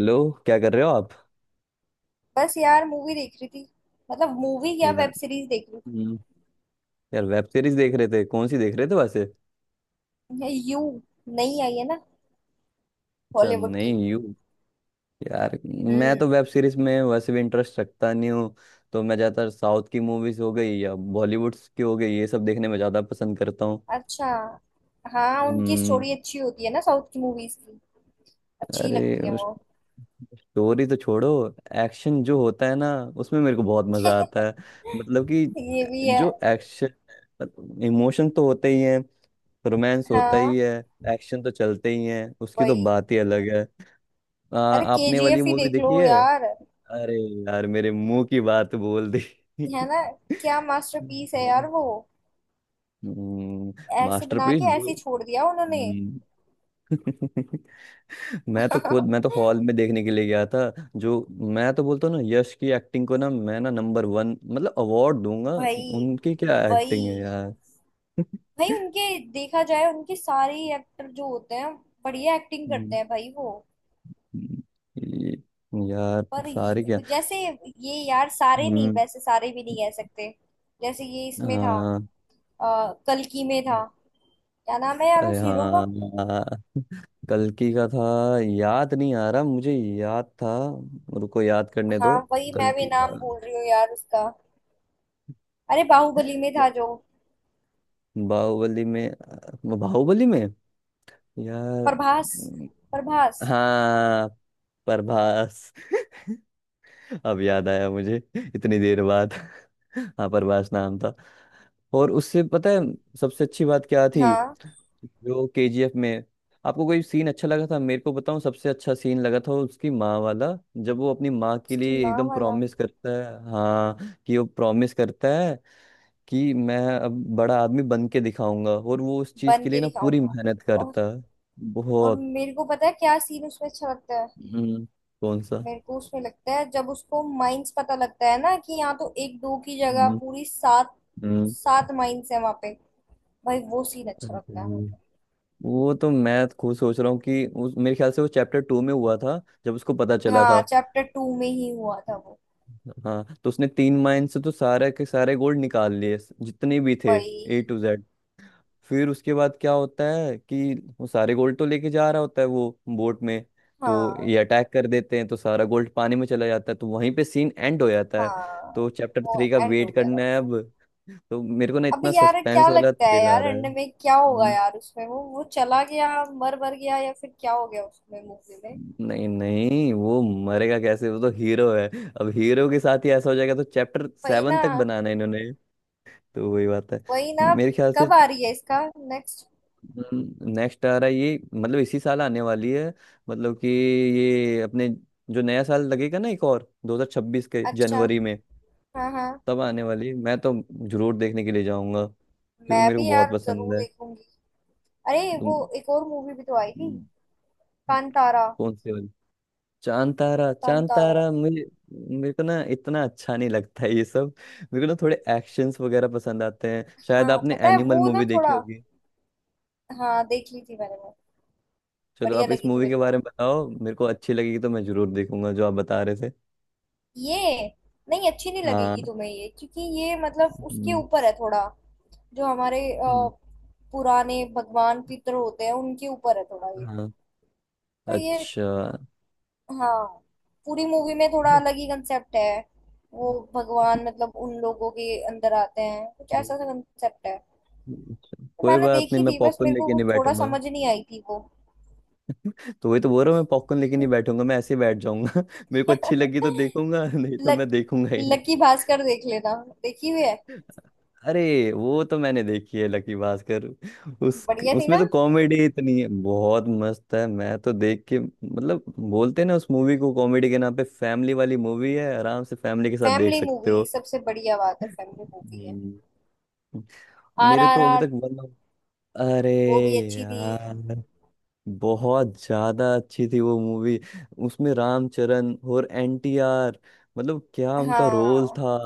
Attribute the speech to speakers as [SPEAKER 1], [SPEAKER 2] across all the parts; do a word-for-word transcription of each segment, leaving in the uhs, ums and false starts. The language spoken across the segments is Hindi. [SPEAKER 1] लो, क्या कर रहे हो आप।
[SPEAKER 2] बस यार मूवी देख रही थी। मतलब मूवी या
[SPEAKER 1] यार।
[SPEAKER 2] वेब सीरीज देख रही
[SPEAKER 1] हम्म। यार वेब सीरीज देख रहे थे, कौन सी देख रहे थे वैसे।
[SPEAKER 2] थी। ये यू नई आई है ना,
[SPEAKER 1] अच्छा
[SPEAKER 2] हॉलीवुड की।
[SPEAKER 1] नहीं यू। यार, मैं
[SPEAKER 2] हम्म।
[SPEAKER 1] तो वेब सीरीज में वैसे भी इंटरेस्ट रखता नहीं हूँ। तो मैं ज़्यादातर साउथ की मूवीज हो गई या बॉलीवुड की हो गई, ये सब देखने में ज़्यादा पसंद करता हूँ।
[SPEAKER 2] अच्छा। हाँ उनकी
[SPEAKER 1] हम्म।
[SPEAKER 2] स्टोरी अच्छी होती है ना, साउथ की मूवीज की। अच्छी
[SPEAKER 1] अरे,
[SPEAKER 2] लगती है वो।
[SPEAKER 1] स्टोरी तो छोड़ो। एक्शन जो होता है ना, उसमें मेरे को बहुत मज़ा आता है। मतलब कि
[SPEAKER 2] ये भी है।
[SPEAKER 1] जो एक्शन, इमोशन तो होते ही हैं, रोमांस होता
[SPEAKER 2] हाँ
[SPEAKER 1] ही है, एक्शन तो चलते ही है, उसकी तो
[SPEAKER 2] वही।
[SPEAKER 1] बात ही अलग है। आ,
[SPEAKER 2] अरे
[SPEAKER 1] आपने वाली
[SPEAKER 2] केजीएफ ही
[SPEAKER 1] मूवी
[SPEAKER 2] देख लो
[SPEAKER 1] देखी है।
[SPEAKER 2] यार।
[SPEAKER 1] अरे यार, मेरे मुंह की बात बोल दी।
[SPEAKER 2] है ना। क्या मास्टरपीस है यार
[SPEAKER 1] हम्म।
[SPEAKER 2] वो। ऐसे बना
[SPEAKER 1] मास्टरपीस
[SPEAKER 2] के
[SPEAKER 1] जो।
[SPEAKER 2] ऐसे ही छोड़ दिया उन्होंने।
[SPEAKER 1] हम्म। मैं तो खुद मैं तो हॉल में देखने के लिए गया था जो। मैं तो बोलता हूँ ना, यश की एक्टिंग को ना मैं ना नंबर वन मतलब अवार्ड दूंगा।
[SPEAKER 2] भाई।
[SPEAKER 1] उनकी क्या
[SPEAKER 2] वही।
[SPEAKER 1] एक्टिंग है यार।
[SPEAKER 2] भाई उनके देखा जाए, उनके सारे एक्टर जो होते हैं, बढ़िया एक्टिंग करते
[SPEAKER 1] हम्म।
[SPEAKER 2] हैं भाई वो।
[SPEAKER 1] हम्म। ये- यार
[SPEAKER 2] पर
[SPEAKER 1] सारे क्या।
[SPEAKER 2] ये- जैसे ये यार सारे नहीं,
[SPEAKER 1] हम्म।
[SPEAKER 2] वैसे सारे भी नहीं कह सकते। जैसे ये इसमें था।
[SPEAKER 1] हाँ।
[SPEAKER 2] आ, कल्कि में था। क्या नाम है यार
[SPEAKER 1] अरे
[SPEAKER 2] उस हीरो का।
[SPEAKER 1] हाँ। हाँ, कल्कि का था। याद नहीं आ रहा, मुझे याद था। रुको, याद करने
[SPEAKER 2] हाँ
[SPEAKER 1] दो।
[SPEAKER 2] वही मैं भी
[SPEAKER 1] कल्कि का।
[SPEAKER 2] नाम भूल रही हूँ यार उसका। अरे बाहुबली में था जो।
[SPEAKER 1] बाहुबली में। बाहुबली में। यार।
[SPEAKER 2] प्रभास।
[SPEAKER 1] हम्म,
[SPEAKER 2] प्रभास।
[SPEAKER 1] हाँ प्रभास। अब याद आया मुझे, इतनी देर बाद। हाँ, प्रभास नाम था। और उससे पता है, सबसे अच्छी बात क्या थी,
[SPEAKER 2] हाँ।
[SPEAKER 1] जो केजीएफ में। आपको कोई सीन अच्छा लगा था मेरे को बताओ, सबसे अच्छा सीन लगा था उसकी माँ वाला। जब वो अपनी माँ के
[SPEAKER 2] उसकी
[SPEAKER 1] लिए
[SPEAKER 2] माँ
[SPEAKER 1] एकदम
[SPEAKER 2] वाला।
[SPEAKER 1] प्रॉमिस करता है, हाँ, कि वो प्रॉमिस करता है कि मैं अब बड़ा आदमी बन के दिखाऊंगा, और वो उस चीज
[SPEAKER 2] बन
[SPEAKER 1] के लिए
[SPEAKER 2] के
[SPEAKER 1] ना पूरी
[SPEAKER 2] दिखाऊंगा।
[SPEAKER 1] मेहनत
[SPEAKER 2] और
[SPEAKER 1] करता है।
[SPEAKER 2] और
[SPEAKER 1] बहुत।
[SPEAKER 2] मेरे को पता है क्या सीन उसमें अच्छा लगता है।
[SPEAKER 1] हम्म। कौन सा।
[SPEAKER 2] मेरे को उसमें लगता है जब उसको माइंस पता लगता है ना, कि यहाँ तो एक दो की जगह
[SPEAKER 1] हम्म।
[SPEAKER 2] पूरी सात,
[SPEAKER 1] हम्म।
[SPEAKER 2] सात माइंस है वहां पे। भाई वो सीन अच्छा लगता है
[SPEAKER 1] हम्म।
[SPEAKER 2] मुझे।
[SPEAKER 1] वो तो मैं खुद सोच रहा हूँ कि उस मेरे ख्याल से वो चैप्टर टू में हुआ था, जब उसको पता चला था।
[SPEAKER 2] हाँ चैप्टर टू में ही हुआ था वो।
[SPEAKER 1] हाँ, तो उसने तीन माइन से तो सारे के सारे गोल्ड निकाल लिए, स- जितने भी थे।
[SPEAKER 2] भाई।
[SPEAKER 1] A to Z. फिर उसके बाद क्या होता है कि वो सारे गोल्ड तो लेके जा रहा होता है वो बोट में, तो
[SPEAKER 2] हाँ
[SPEAKER 1] ये अटैक कर देते हैं, तो सारा गोल्ड पानी में चला जाता है, तो वहीं पे सीन एंड हो जाता है। तो
[SPEAKER 2] हाँ।
[SPEAKER 1] चैप्टर
[SPEAKER 2] वो
[SPEAKER 1] थ्री का
[SPEAKER 2] एंड हो
[SPEAKER 1] वेट
[SPEAKER 2] गया था
[SPEAKER 1] करना है अब।
[SPEAKER 2] उसका।
[SPEAKER 1] तो मेरे को ना
[SPEAKER 2] अब
[SPEAKER 1] इतना
[SPEAKER 2] यार
[SPEAKER 1] सस्पेंस
[SPEAKER 2] क्या
[SPEAKER 1] वाला
[SPEAKER 2] लगता है
[SPEAKER 1] थ्रिल आ
[SPEAKER 2] यार
[SPEAKER 1] रहा है।
[SPEAKER 2] एंड में क्या होगा
[SPEAKER 1] हम्म।
[SPEAKER 2] यार उसमें, वो वो चला गया, मर मर गया या फिर क्या हो गया उसमें मूवी में।
[SPEAKER 1] नहीं नहीं, वो मरेगा कैसे, वो तो हीरो है। अब हीरो के साथ ही ऐसा हो जाएगा तो चैप्टर
[SPEAKER 2] वही
[SPEAKER 1] सेवन तक
[SPEAKER 2] ना।
[SPEAKER 1] बनाना है इन्होंने। तो वही बात है
[SPEAKER 2] वही ना।
[SPEAKER 1] मेरे ख्याल से।
[SPEAKER 2] कब आ रही है इसका नेक्स्ट।
[SPEAKER 1] नेक्स्ट आ रहा है ये, मतलब इसी साल आने वाली है। मतलब कि ये अपने जो नया साल लगेगा ना, एक और दो हज़ार छब्बीस के
[SPEAKER 2] अच्छा।
[SPEAKER 1] जनवरी में
[SPEAKER 2] हाँ हाँ।
[SPEAKER 1] तब आने वाली है। मैं तो जरूर देखने के लिए जाऊंगा, क्योंकि
[SPEAKER 2] मैं
[SPEAKER 1] मेरे को
[SPEAKER 2] भी
[SPEAKER 1] बहुत
[SPEAKER 2] यार
[SPEAKER 1] पसंद
[SPEAKER 2] जरूर
[SPEAKER 1] है।
[SPEAKER 2] देखूंगी। अरे वो
[SPEAKER 1] तुम।
[SPEAKER 2] एक और मूवी भी तो आई थी। कांतारा।
[SPEAKER 1] कौन सी वाली। चांद तारा, चांद
[SPEAKER 2] कांतारा।
[SPEAKER 1] तारा मुझे। मेरे को ना इतना अच्छा नहीं लगता है ये सब। मेरे को ना थोड़े एक्शंस वगैरह पसंद आते हैं, शायद
[SPEAKER 2] हाँ
[SPEAKER 1] आपने
[SPEAKER 2] पता है
[SPEAKER 1] एनिमल
[SPEAKER 2] वो ना
[SPEAKER 1] मूवी देखी
[SPEAKER 2] थोड़ा।
[SPEAKER 1] होगी।
[SPEAKER 2] हाँ देख ली थी मैंने वो।
[SPEAKER 1] चलो
[SPEAKER 2] बढ़िया
[SPEAKER 1] आप इस
[SPEAKER 2] लगी थी
[SPEAKER 1] मूवी
[SPEAKER 2] मेरे
[SPEAKER 1] के
[SPEAKER 2] को।
[SPEAKER 1] बारे में बताओ, मेरे को अच्छी लगेगी तो मैं जरूर देखूंगा, जो आप बता रहे थे।
[SPEAKER 2] ये। नहीं अच्छी नहीं लगेगी
[SPEAKER 1] हाँ।
[SPEAKER 2] तुम्हें ये, क्योंकि ये मतलब उसके
[SPEAKER 1] हम्म।
[SPEAKER 2] ऊपर है थोड़ा। जो हमारे अ,
[SPEAKER 1] हम्म।
[SPEAKER 2] पुराने भगवान पितर होते हैं उनके ऊपर है थोड़ा ये।
[SPEAKER 1] हाँ।
[SPEAKER 2] तो ये।
[SPEAKER 1] अच्छा।
[SPEAKER 2] हाँ। पूरी मूवी में थोड़ा अलग ही कंसेप्ट है। वो भगवान मतलब उन लोगों के अंदर आते हैं, कुछ ऐसा सा कंसेप्ट है। तो
[SPEAKER 1] कोई
[SPEAKER 2] मैंने
[SPEAKER 1] बात नहीं,
[SPEAKER 2] देखी
[SPEAKER 1] मैं
[SPEAKER 2] थी, बस
[SPEAKER 1] पॉपकॉर्न
[SPEAKER 2] मेरे को
[SPEAKER 1] लेके नहीं
[SPEAKER 2] कुछ थोड़ा
[SPEAKER 1] बैठूंगा।
[SPEAKER 2] समझ नहीं आई थी वो।
[SPEAKER 1] तो वही तो बोल रहा हूँ, मैं पॉपकॉर्न लेके नहीं बैठूंगा, मैं ऐसे ही बैठ जाऊंगा। मेरे को अच्छी लगी तो देखूंगा, नहीं तो
[SPEAKER 2] लक,
[SPEAKER 1] मैं देखूंगा ही नहीं।
[SPEAKER 2] लकी भास्कर देख लेना। देखी हुई है।
[SPEAKER 1] अरे वो तो मैंने देखी है लकी भास्कर। उस
[SPEAKER 2] बढ़िया थी
[SPEAKER 1] उसमें
[SPEAKER 2] ना।
[SPEAKER 1] तो कॉमेडी इतनी है, बहुत मस्त है। मैं तो देख के, मतलब बोलते हैं ना, उस मूवी को कॉमेडी के नाम पे, फैमिली वाली मूवी है, आराम से फैमिली के साथ देख
[SPEAKER 2] फैमिली
[SPEAKER 1] सकते हो।
[SPEAKER 2] मूवी सबसे बढ़िया बात है, फैमिली मूवी है।
[SPEAKER 1] हम्म। मेरे तो अभी
[SPEAKER 2] आरआरआर।
[SPEAKER 1] तक। अरे
[SPEAKER 2] वो भी अच्छी थी।
[SPEAKER 1] यार, बहुत ज्यादा अच्छी थी वो मूवी। उसमें रामचरण और एनटीआर, मतलब क्या उनका रोल
[SPEAKER 2] हाँ
[SPEAKER 1] था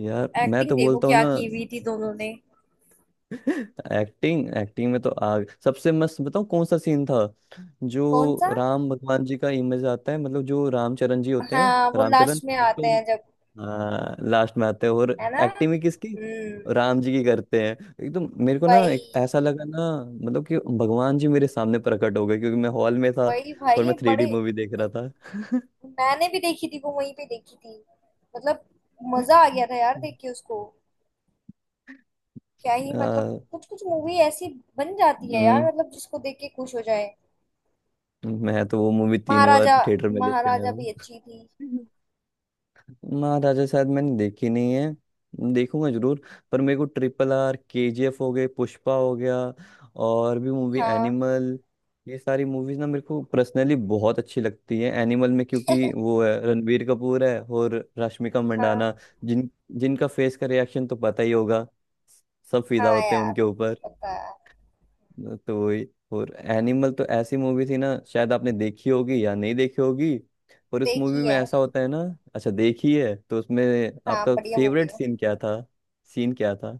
[SPEAKER 1] यार। मैं तो
[SPEAKER 2] एक्टिंग देखो
[SPEAKER 1] बोलता हूँ
[SPEAKER 2] क्या
[SPEAKER 1] ना।
[SPEAKER 2] की हुई थी दोनों ने।
[SPEAKER 1] एक्टिंग, एक्टिंग में तो आग। सबसे मस्त बताऊँ कौन सा सीन था, जो
[SPEAKER 2] कौन सा।
[SPEAKER 1] राम भगवान जी का इमेज आता है, मतलब जो रामचरण जी होते हैं।
[SPEAKER 2] हाँ वो
[SPEAKER 1] रामचरण,
[SPEAKER 2] लास्ट में
[SPEAKER 1] एक तो
[SPEAKER 2] आते
[SPEAKER 1] उन-
[SPEAKER 2] हैं जब।
[SPEAKER 1] हाँ, लास्ट में आते हैं, और
[SPEAKER 2] है ना।
[SPEAKER 1] एक्टिंग भी किसकी,
[SPEAKER 2] हम्म।
[SPEAKER 1] राम जी की करते हैं। एकदम मेरे को ना
[SPEAKER 2] वही।
[SPEAKER 1] एक ऐसा लगा ना, मतलब कि भगवान जी मेरे सामने प्रकट हो गए, क्योंकि मैं हॉल में था
[SPEAKER 2] वही
[SPEAKER 1] और
[SPEAKER 2] भाई
[SPEAKER 1] मैं थ्री डी
[SPEAKER 2] बड़े।
[SPEAKER 1] मूवी देख रहा था।
[SPEAKER 2] मैंने भी देखी थी वो वहीं पे देखी थी। मतलब। मजा आ गया था यार देख के उसको। क्या ही मतलब
[SPEAKER 1] आ,
[SPEAKER 2] कुछ कुछ मूवी ऐसी बन जाती है यार,
[SPEAKER 1] हम्म।
[SPEAKER 2] मतलब जिसको देख के खुश हो जाए।
[SPEAKER 1] मैं तो वो मूवी तीन बार
[SPEAKER 2] महाराजा।
[SPEAKER 1] थिएटर में देख के
[SPEAKER 2] महाराजा भी
[SPEAKER 1] आया।
[SPEAKER 2] अच्छी थी।
[SPEAKER 1] महाराजा शायद मैंने देखी नहीं है, देखूंगा जरूर। पर मेरे को ट्रिपल आर, केजीएफ हो गए, पुष्पा हो गया, और भी मूवी
[SPEAKER 2] हाँ
[SPEAKER 1] एनिमल, ये सारी मूवीज ना मेरे को पर्सनली बहुत अच्छी लगती है। एनिमल में क्योंकि वो है रणबीर कपूर है और रश्मिका
[SPEAKER 2] हाँ
[SPEAKER 1] मंडाना, जिन जिनका फेस का रिएक्शन तो पता ही होगा, सब फिदा
[SPEAKER 2] हाँ
[SPEAKER 1] होते हैं
[SPEAKER 2] यार,
[SPEAKER 1] उनके।
[SPEAKER 2] पता है।
[SPEAKER 1] न- तो वही। और एनिमल तो ऐसी मूवी थी ना, शायद आपने देखी होगी या नहीं देखी होगी। और उस मूवी
[SPEAKER 2] देखी
[SPEAKER 1] में
[SPEAKER 2] है।
[SPEAKER 1] ऐसा होता है ना। अच्छा देखी है, तो उसमें
[SPEAKER 2] हाँ
[SPEAKER 1] आपका
[SPEAKER 2] बढ़िया मूवी
[SPEAKER 1] फेवरेट
[SPEAKER 2] है।
[SPEAKER 1] सीन क्या था। सीन क्या था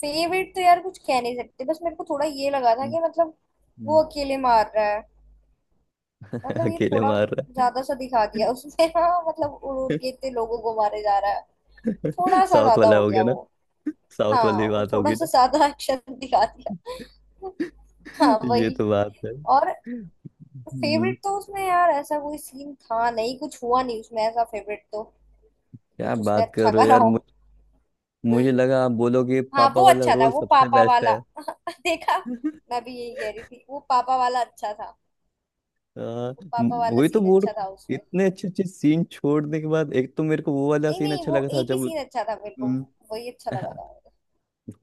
[SPEAKER 2] फेवरेट तो यार कुछ कह नहीं सकते, बस मेरे को थोड़ा ये लगा था
[SPEAKER 1] हम्म।
[SPEAKER 2] कि मतलब
[SPEAKER 1] हम्म।
[SPEAKER 2] वो अकेले मार रहा है। मतलब ये
[SPEAKER 1] अकेले
[SPEAKER 2] थोड़ा
[SPEAKER 1] मार रहा
[SPEAKER 2] ज्यादा सा दिखा दिया उसने हाँ मतलब उड़ उड़
[SPEAKER 1] है।
[SPEAKER 2] के इतने लोगों को मारे जा रहा है। थोड़ा सा
[SPEAKER 1] साउथ
[SPEAKER 2] ज्यादा
[SPEAKER 1] वाला
[SPEAKER 2] हो
[SPEAKER 1] हो गया
[SPEAKER 2] गया
[SPEAKER 1] ना,
[SPEAKER 2] वो।
[SPEAKER 1] साउथ
[SPEAKER 2] हाँ
[SPEAKER 1] वाली
[SPEAKER 2] वो
[SPEAKER 1] बात
[SPEAKER 2] थोड़ा
[SPEAKER 1] होगी
[SPEAKER 2] सा
[SPEAKER 1] ना।
[SPEAKER 2] ज्यादा एक्शन दिखा दिया। हाँ
[SPEAKER 1] ये
[SPEAKER 2] वही।
[SPEAKER 1] तो बात है।
[SPEAKER 2] और।
[SPEAKER 1] हम्म।
[SPEAKER 2] फेवरेट तो उसमें यार ऐसा कोई सीन था नहीं, कुछ हुआ नहीं उसमें ऐसा फेवरेट तो,
[SPEAKER 1] क्या
[SPEAKER 2] कुछ उसने
[SPEAKER 1] बात
[SPEAKER 2] अच्छा
[SPEAKER 1] कर रहे हो
[SPEAKER 2] करा
[SPEAKER 1] यार,
[SPEAKER 2] हो।
[SPEAKER 1] मुझ- मुझे लगा आप बोलोगे
[SPEAKER 2] हाँ
[SPEAKER 1] पापा
[SPEAKER 2] वो
[SPEAKER 1] वाला
[SPEAKER 2] अच्छा था
[SPEAKER 1] रोल
[SPEAKER 2] वो
[SPEAKER 1] सबसे
[SPEAKER 2] पापा
[SPEAKER 1] बेस्ट
[SPEAKER 2] वाला। देखा।
[SPEAKER 1] है।
[SPEAKER 2] मैं भी यही कह रही थी वो पापा वाला अच्छा था।
[SPEAKER 1] हाँ,
[SPEAKER 2] वो
[SPEAKER 1] म-
[SPEAKER 2] पापा वाला
[SPEAKER 1] वही तो
[SPEAKER 2] सीन
[SPEAKER 1] बोल
[SPEAKER 2] अच्छा
[SPEAKER 1] रहा
[SPEAKER 2] था
[SPEAKER 1] हूँ।
[SPEAKER 2] उसमें।
[SPEAKER 1] इतने अच्छे अच्छे सीन छोड़ने के बाद, एक तो मेरे को वो वाला
[SPEAKER 2] नहीं
[SPEAKER 1] सीन
[SPEAKER 2] नहीं
[SPEAKER 1] अच्छा
[SPEAKER 2] वो
[SPEAKER 1] लगा था
[SPEAKER 2] एक ही
[SPEAKER 1] जब।
[SPEAKER 2] सीन अच्छा था मेरे को।
[SPEAKER 1] हम्म।
[SPEAKER 2] वही अच्छा लगा
[SPEAKER 1] हाँ,
[SPEAKER 2] था।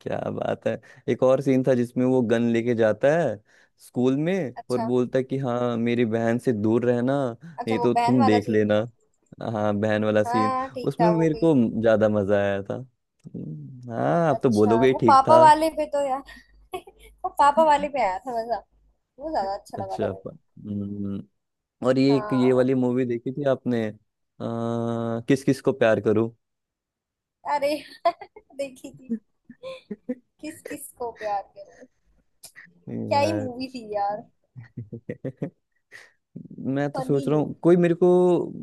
[SPEAKER 1] क्या बात है। एक और सीन था जिसमें वो गन लेके जाता है स्कूल में, और
[SPEAKER 2] अच्छा।
[SPEAKER 1] बोलता है कि हाँ मेरी बहन से दूर रहना,
[SPEAKER 2] अच्छा
[SPEAKER 1] नहीं
[SPEAKER 2] वो
[SPEAKER 1] तो
[SPEAKER 2] बहन
[SPEAKER 1] तुम
[SPEAKER 2] वाला
[SPEAKER 1] देख
[SPEAKER 2] सीन।
[SPEAKER 1] लेना। हाँ, बहन वाला सीन।
[SPEAKER 2] हाँ ठीक
[SPEAKER 1] उसमें
[SPEAKER 2] था वो
[SPEAKER 1] मेरे
[SPEAKER 2] भी।
[SPEAKER 1] को ज्यादा मजा आया था। हम्म। हाँ, आप तो
[SPEAKER 2] अच्छा
[SPEAKER 1] बोलोगे ही
[SPEAKER 2] वो
[SPEAKER 1] ठीक
[SPEAKER 2] पापा
[SPEAKER 1] था।
[SPEAKER 2] वाले पे तो यार वो पापा वाले पे आया था मजा। वो ज्यादा अच्छा लगा था
[SPEAKER 1] अच्छा,
[SPEAKER 2] मेरे
[SPEAKER 1] प-
[SPEAKER 2] को।
[SPEAKER 1] हम्म। और ये एक ये
[SPEAKER 2] हाँ।
[SPEAKER 1] वाली मूवी देखी थी आपने, आ, किस किस को प्यार करूं।
[SPEAKER 2] अरे देखी थी, किस किस को प्यार करूं। क्या ही
[SPEAKER 1] यार
[SPEAKER 2] मूवी थी यार।
[SPEAKER 1] मैं तो
[SPEAKER 2] फनी
[SPEAKER 1] सोच रहा हूँ
[SPEAKER 2] मूवी।
[SPEAKER 1] कोई मेरे को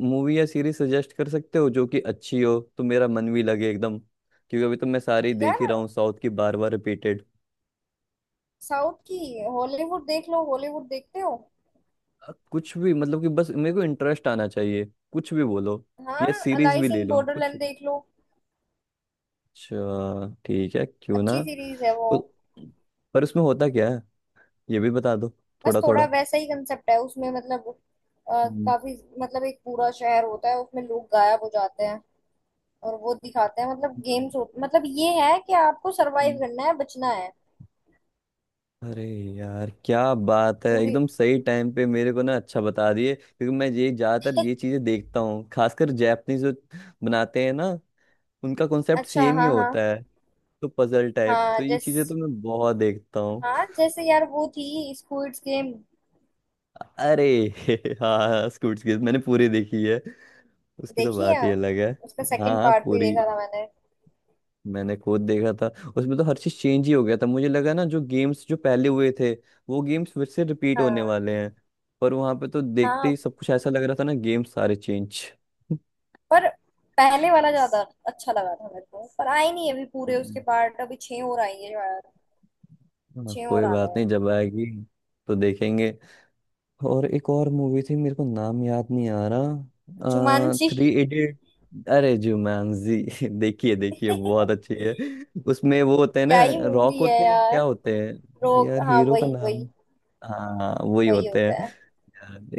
[SPEAKER 1] मूवी या सीरीज सजेस्ट कर सकते हो जो कि अच्छी हो, तो मेरा मन भी लगे एकदम, क्योंकि अभी तो मैं सारी देख ही रहा
[SPEAKER 2] यार
[SPEAKER 1] हूँ साउथ की बार बार रिपीटेड।
[SPEAKER 2] साउथ की। हॉलीवुड देख लो, हॉलीवुड देखते हो।
[SPEAKER 1] कुछ भी, मतलब कि बस मेरे को इंटरेस्ट आना चाहिए, कुछ भी बोलो,
[SPEAKER 2] हाँ।
[SPEAKER 1] या सीरीज भी
[SPEAKER 2] अलाइस
[SPEAKER 1] ले
[SPEAKER 2] इन
[SPEAKER 1] लो कुछ
[SPEAKER 2] बॉर्डरलैंड
[SPEAKER 1] भी।
[SPEAKER 2] देख लो।
[SPEAKER 1] अच्छा, ठीक है, क्यों ना।
[SPEAKER 2] अच्छी सीरीज है वो।
[SPEAKER 1] उ- पर उसमें होता क्या है, ये भी बता दो।
[SPEAKER 2] बस
[SPEAKER 1] थोड़ा
[SPEAKER 2] थोड़ा
[SPEAKER 1] थोड़ा।
[SPEAKER 2] वैसा ही कंसेप्ट है उसमें मतलब, अ, काफी मतलब एक पूरा शहर होता है उसमें लोग गायब हो जाते हैं। और वो दिखाते हैं मतलब गेम्स। मतलब ये है कि आपको सरवाइव
[SPEAKER 1] हम्म।
[SPEAKER 2] करना है, बचना है।
[SPEAKER 1] अरे यार, क्या बात है,
[SPEAKER 2] पूरी।
[SPEAKER 1] एकदम सही टाइम पे मेरे को ना अच्छा बता दिए, क्योंकि मैं ये ज्यादातर ये चीजें देखता हूँ, खासकर जैपनीज जो बनाते हैं ना, उनका कॉन्सेप्ट
[SPEAKER 2] अच्छा।
[SPEAKER 1] सेम ही
[SPEAKER 2] हाँ हाँ।
[SPEAKER 1] होता है। तो पजल टाइप
[SPEAKER 2] हाँ
[SPEAKER 1] तो ये चीजें तो
[SPEAKER 2] जैस
[SPEAKER 1] मैं बहुत देखता हूँ।
[SPEAKER 2] हाँ जैसे यार वो थी स्क्विड गेम।
[SPEAKER 1] अरे। हाँ, स्कूट्स की मैंने पूरी देखी है, उसकी तो
[SPEAKER 2] देखी है।
[SPEAKER 1] बात ही अलग है।
[SPEAKER 2] उसका
[SPEAKER 1] हाँ
[SPEAKER 2] सेकंड
[SPEAKER 1] हाँ,
[SPEAKER 2] पार्ट भी
[SPEAKER 1] पूरी
[SPEAKER 2] देखा था मैंने।
[SPEAKER 1] मैंने खुद देखा था। उसमें तो हर चीज चेंज ही हो गया था, मुझे लगा ना जो गेम्स जो पहले हुए थे, वो गेम्स फिर से रिपीट होने
[SPEAKER 2] हाँ
[SPEAKER 1] वाले हैं। पर वहां पे तो देखते
[SPEAKER 2] हाँ।
[SPEAKER 1] ही सब कुछ ऐसा लग रहा था ना, गेम्स सारे चेंज।
[SPEAKER 2] पर पहले वाला ज्यादा अच्छा लगा था मेरे को, पर आई नहीं अभी पूरे उसके पार्ट, अभी छह और आई है यार।
[SPEAKER 1] हाँ,
[SPEAKER 2] छह
[SPEAKER 1] कोई
[SPEAKER 2] और आने
[SPEAKER 1] बात
[SPEAKER 2] हैं।
[SPEAKER 1] नहीं, जब आएगी तो देखेंगे। और एक और मूवी थी मेरे को नाम याद नहीं आ रहा,
[SPEAKER 2] जुमानजी
[SPEAKER 1] थ्री इडियट अरे जुमानजी। देखिए देखिए, बहुत अच्छी है। उसमें वो होते हैं ना,
[SPEAKER 2] क्या ही
[SPEAKER 1] रॉक
[SPEAKER 2] मूवी है
[SPEAKER 1] होते हैं,
[SPEAKER 2] यार।
[SPEAKER 1] क्या होते हैं
[SPEAKER 2] रोग,
[SPEAKER 1] यार
[SPEAKER 2] हाँ
[SPEAKER 1] हीरो का
[SPEAKER 2] वही
[SPEAKER 1] नाम।
[SPEAKER 2] वही।
[SPEAKER 1] हाँ वही
[SPEAKER 2] वही
[SPEAKER 1] होते
[SPEAKER 2] होता
[SPEAKER 1] हैं।
[SPEAKER 2] है।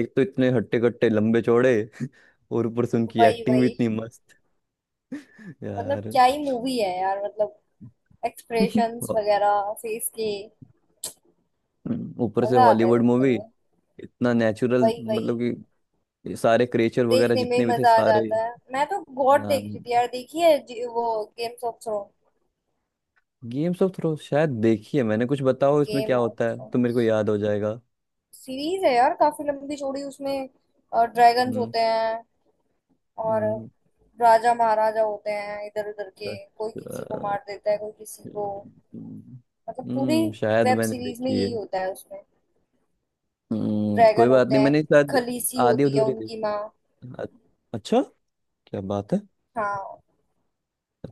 [SPEAKER 1] एक तो इतने हट्टे कट्टे लंबे चौड़े। और ऊपर से उनकी
[SPEAKER 2] वही
[SPEAKER 1] एक्टिंग भी
[SPEAKER 2] वही।
[SPEAKER 1] इतनी मस्त।
[SPEAKER 2] मतलब
[SPEAKER 1] यार।
[SPEAKER 2] क्या ही मूवी है यार, मतलब एक्सप्रेशंस
[SPEAKER 1] और
[SPEAKER 2] वगैरह फेस के।
[SPEAKER 1] ऊपर से
[SPEAKER 2] मजा आता है
[SPEAKER 1] हॉलीवुड
[SPEAKER 2] देखने
[SPEAKER 1] मूवी,
[SPEAKER 2] में।
[SPEAKER 1] इतना नेचुरल,
[SPEAKER 2] वही वही।
[SPEAKER 1] मतलब कि सारे क्रिएचर वगैरह
[SPEAKER 2] देखने में ही
[SPEAKER 1] जितने भी थे
[SPEAKER 2] मजा आ
[SPEAKER 1] सारे।
[SPEAKER 2] जाता है। मैं तो गॉड देख रही थी यार, देखी है जी- वो Games of Throne.
[SPEAKER 1] Games of Thrones शायद देखी है मैंने, कुछ बताओ इसमें क्या
[SPEAKER 2] गेम
[SPEAKER 1] होता है
[SPEAKER 2] ऑफ।
[SPEAKER 1] तो मेरे को याद हो जाएगा।
[SPEAKER 2] सीरीज है यार काफी लंबी चौड़ी उसमें। ड्रैगन्स
[SPEAKER 1] हम्म।
[SPEAKER 2] होते हैं। और
[SPEAKER 1] हम्म।
[SPEAKER 2] राजा महाराजा होते हैं इधर उधर के। कोई किसी को
[SPEAKER 1] अच्छा।
[SPEAKER 2] मार देता है कोई किसी को।
[SPEAKER 1] हम्म।
[SPEAKER 2] मतलब पूरी
[SPEAKER 1] हम्म, शायद
[SPEAKER 2] वेब
[SPEAKER 1] मैंने
[SPEAKER 2] सीरीज में
[SPEAKER 1] देखी है।
[SPEAKER 2] यही होता है उसमें।
[SPEAKER 1] हम्म, कोई
[SPEAKER 2] ड्रैगन
[SPEAKER 1] बात
[SPEAKER 2] होते
[SPEAKER 1] नहीं,
[SPEAKER 2] हैं।
[SPEAKER 1] मैंने शायद
[SPEAKER 2] खलीसी
[SPEAKER 1] आधी
[SPEAKER 2] होती है
[SPEAKER 1] अधूरी
[SPEAKER 2] उनकी
[SPEAKER 1] देखी।
[SPEAKER 2] माँ।
[SPEAKER 1] अ- अच्छा, क्या बात है।
[SPEAKER 2] हाँ।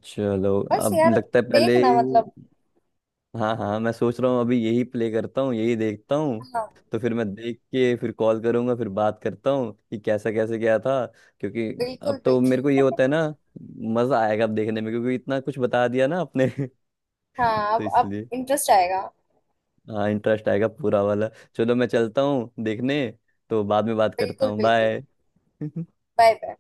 [SPEAKER 1] चलो,
[SPEAKER 2] बस
[SPEAKER 1] अब
[SPEAKER 2] यार
[SPEAKER 1] लगता है पहले।
[SPEAKER 2] देखना मतलब।
[SPEAKER 1] हाँ हाँ, मैं सोच रहा हूँ अभी यही प्ले करता हूँ, यही देखता हूँ।
[SPEAKER 2] हाँ
[SPEAKER 1] तो फिर मैं देख के फिर कॉल करूंगा, फिर बात करता हूँ कि कैसा, कैसे क्या था, क्योंकि
[SPEAKER 2] बिल्कुल
[SPEAKER 1] अब तो मेरे को
[SPEAKER 2] बिल्कुल।
[SPEAKER 1] ये होता है ना, मजा आएगा अब देखने में, क्योंकि इतना कुछ बता दिया ना आपने।
[SPEAKER 2] हाँ
[SPEAKER 1] तो
[SPEAKER 2] अब अब
[SPEAKER 1] इसलिए
[SPEAKER 2] इंटरेस्ट आएगा।
[SPEAKER 1] हाँ, इंटरेस्ट आएगा पूरा वाला। चलो मैं चलता हूँ देखने, तो बाद में बात करता
[SPEAKER 2] बिल्कुल
[SPEAKER 1] हूँ,
[SPEAKER 2] बिल्कुल।
[SPEAKER 1] बाय।
[SPEAKER 2] Bye bye.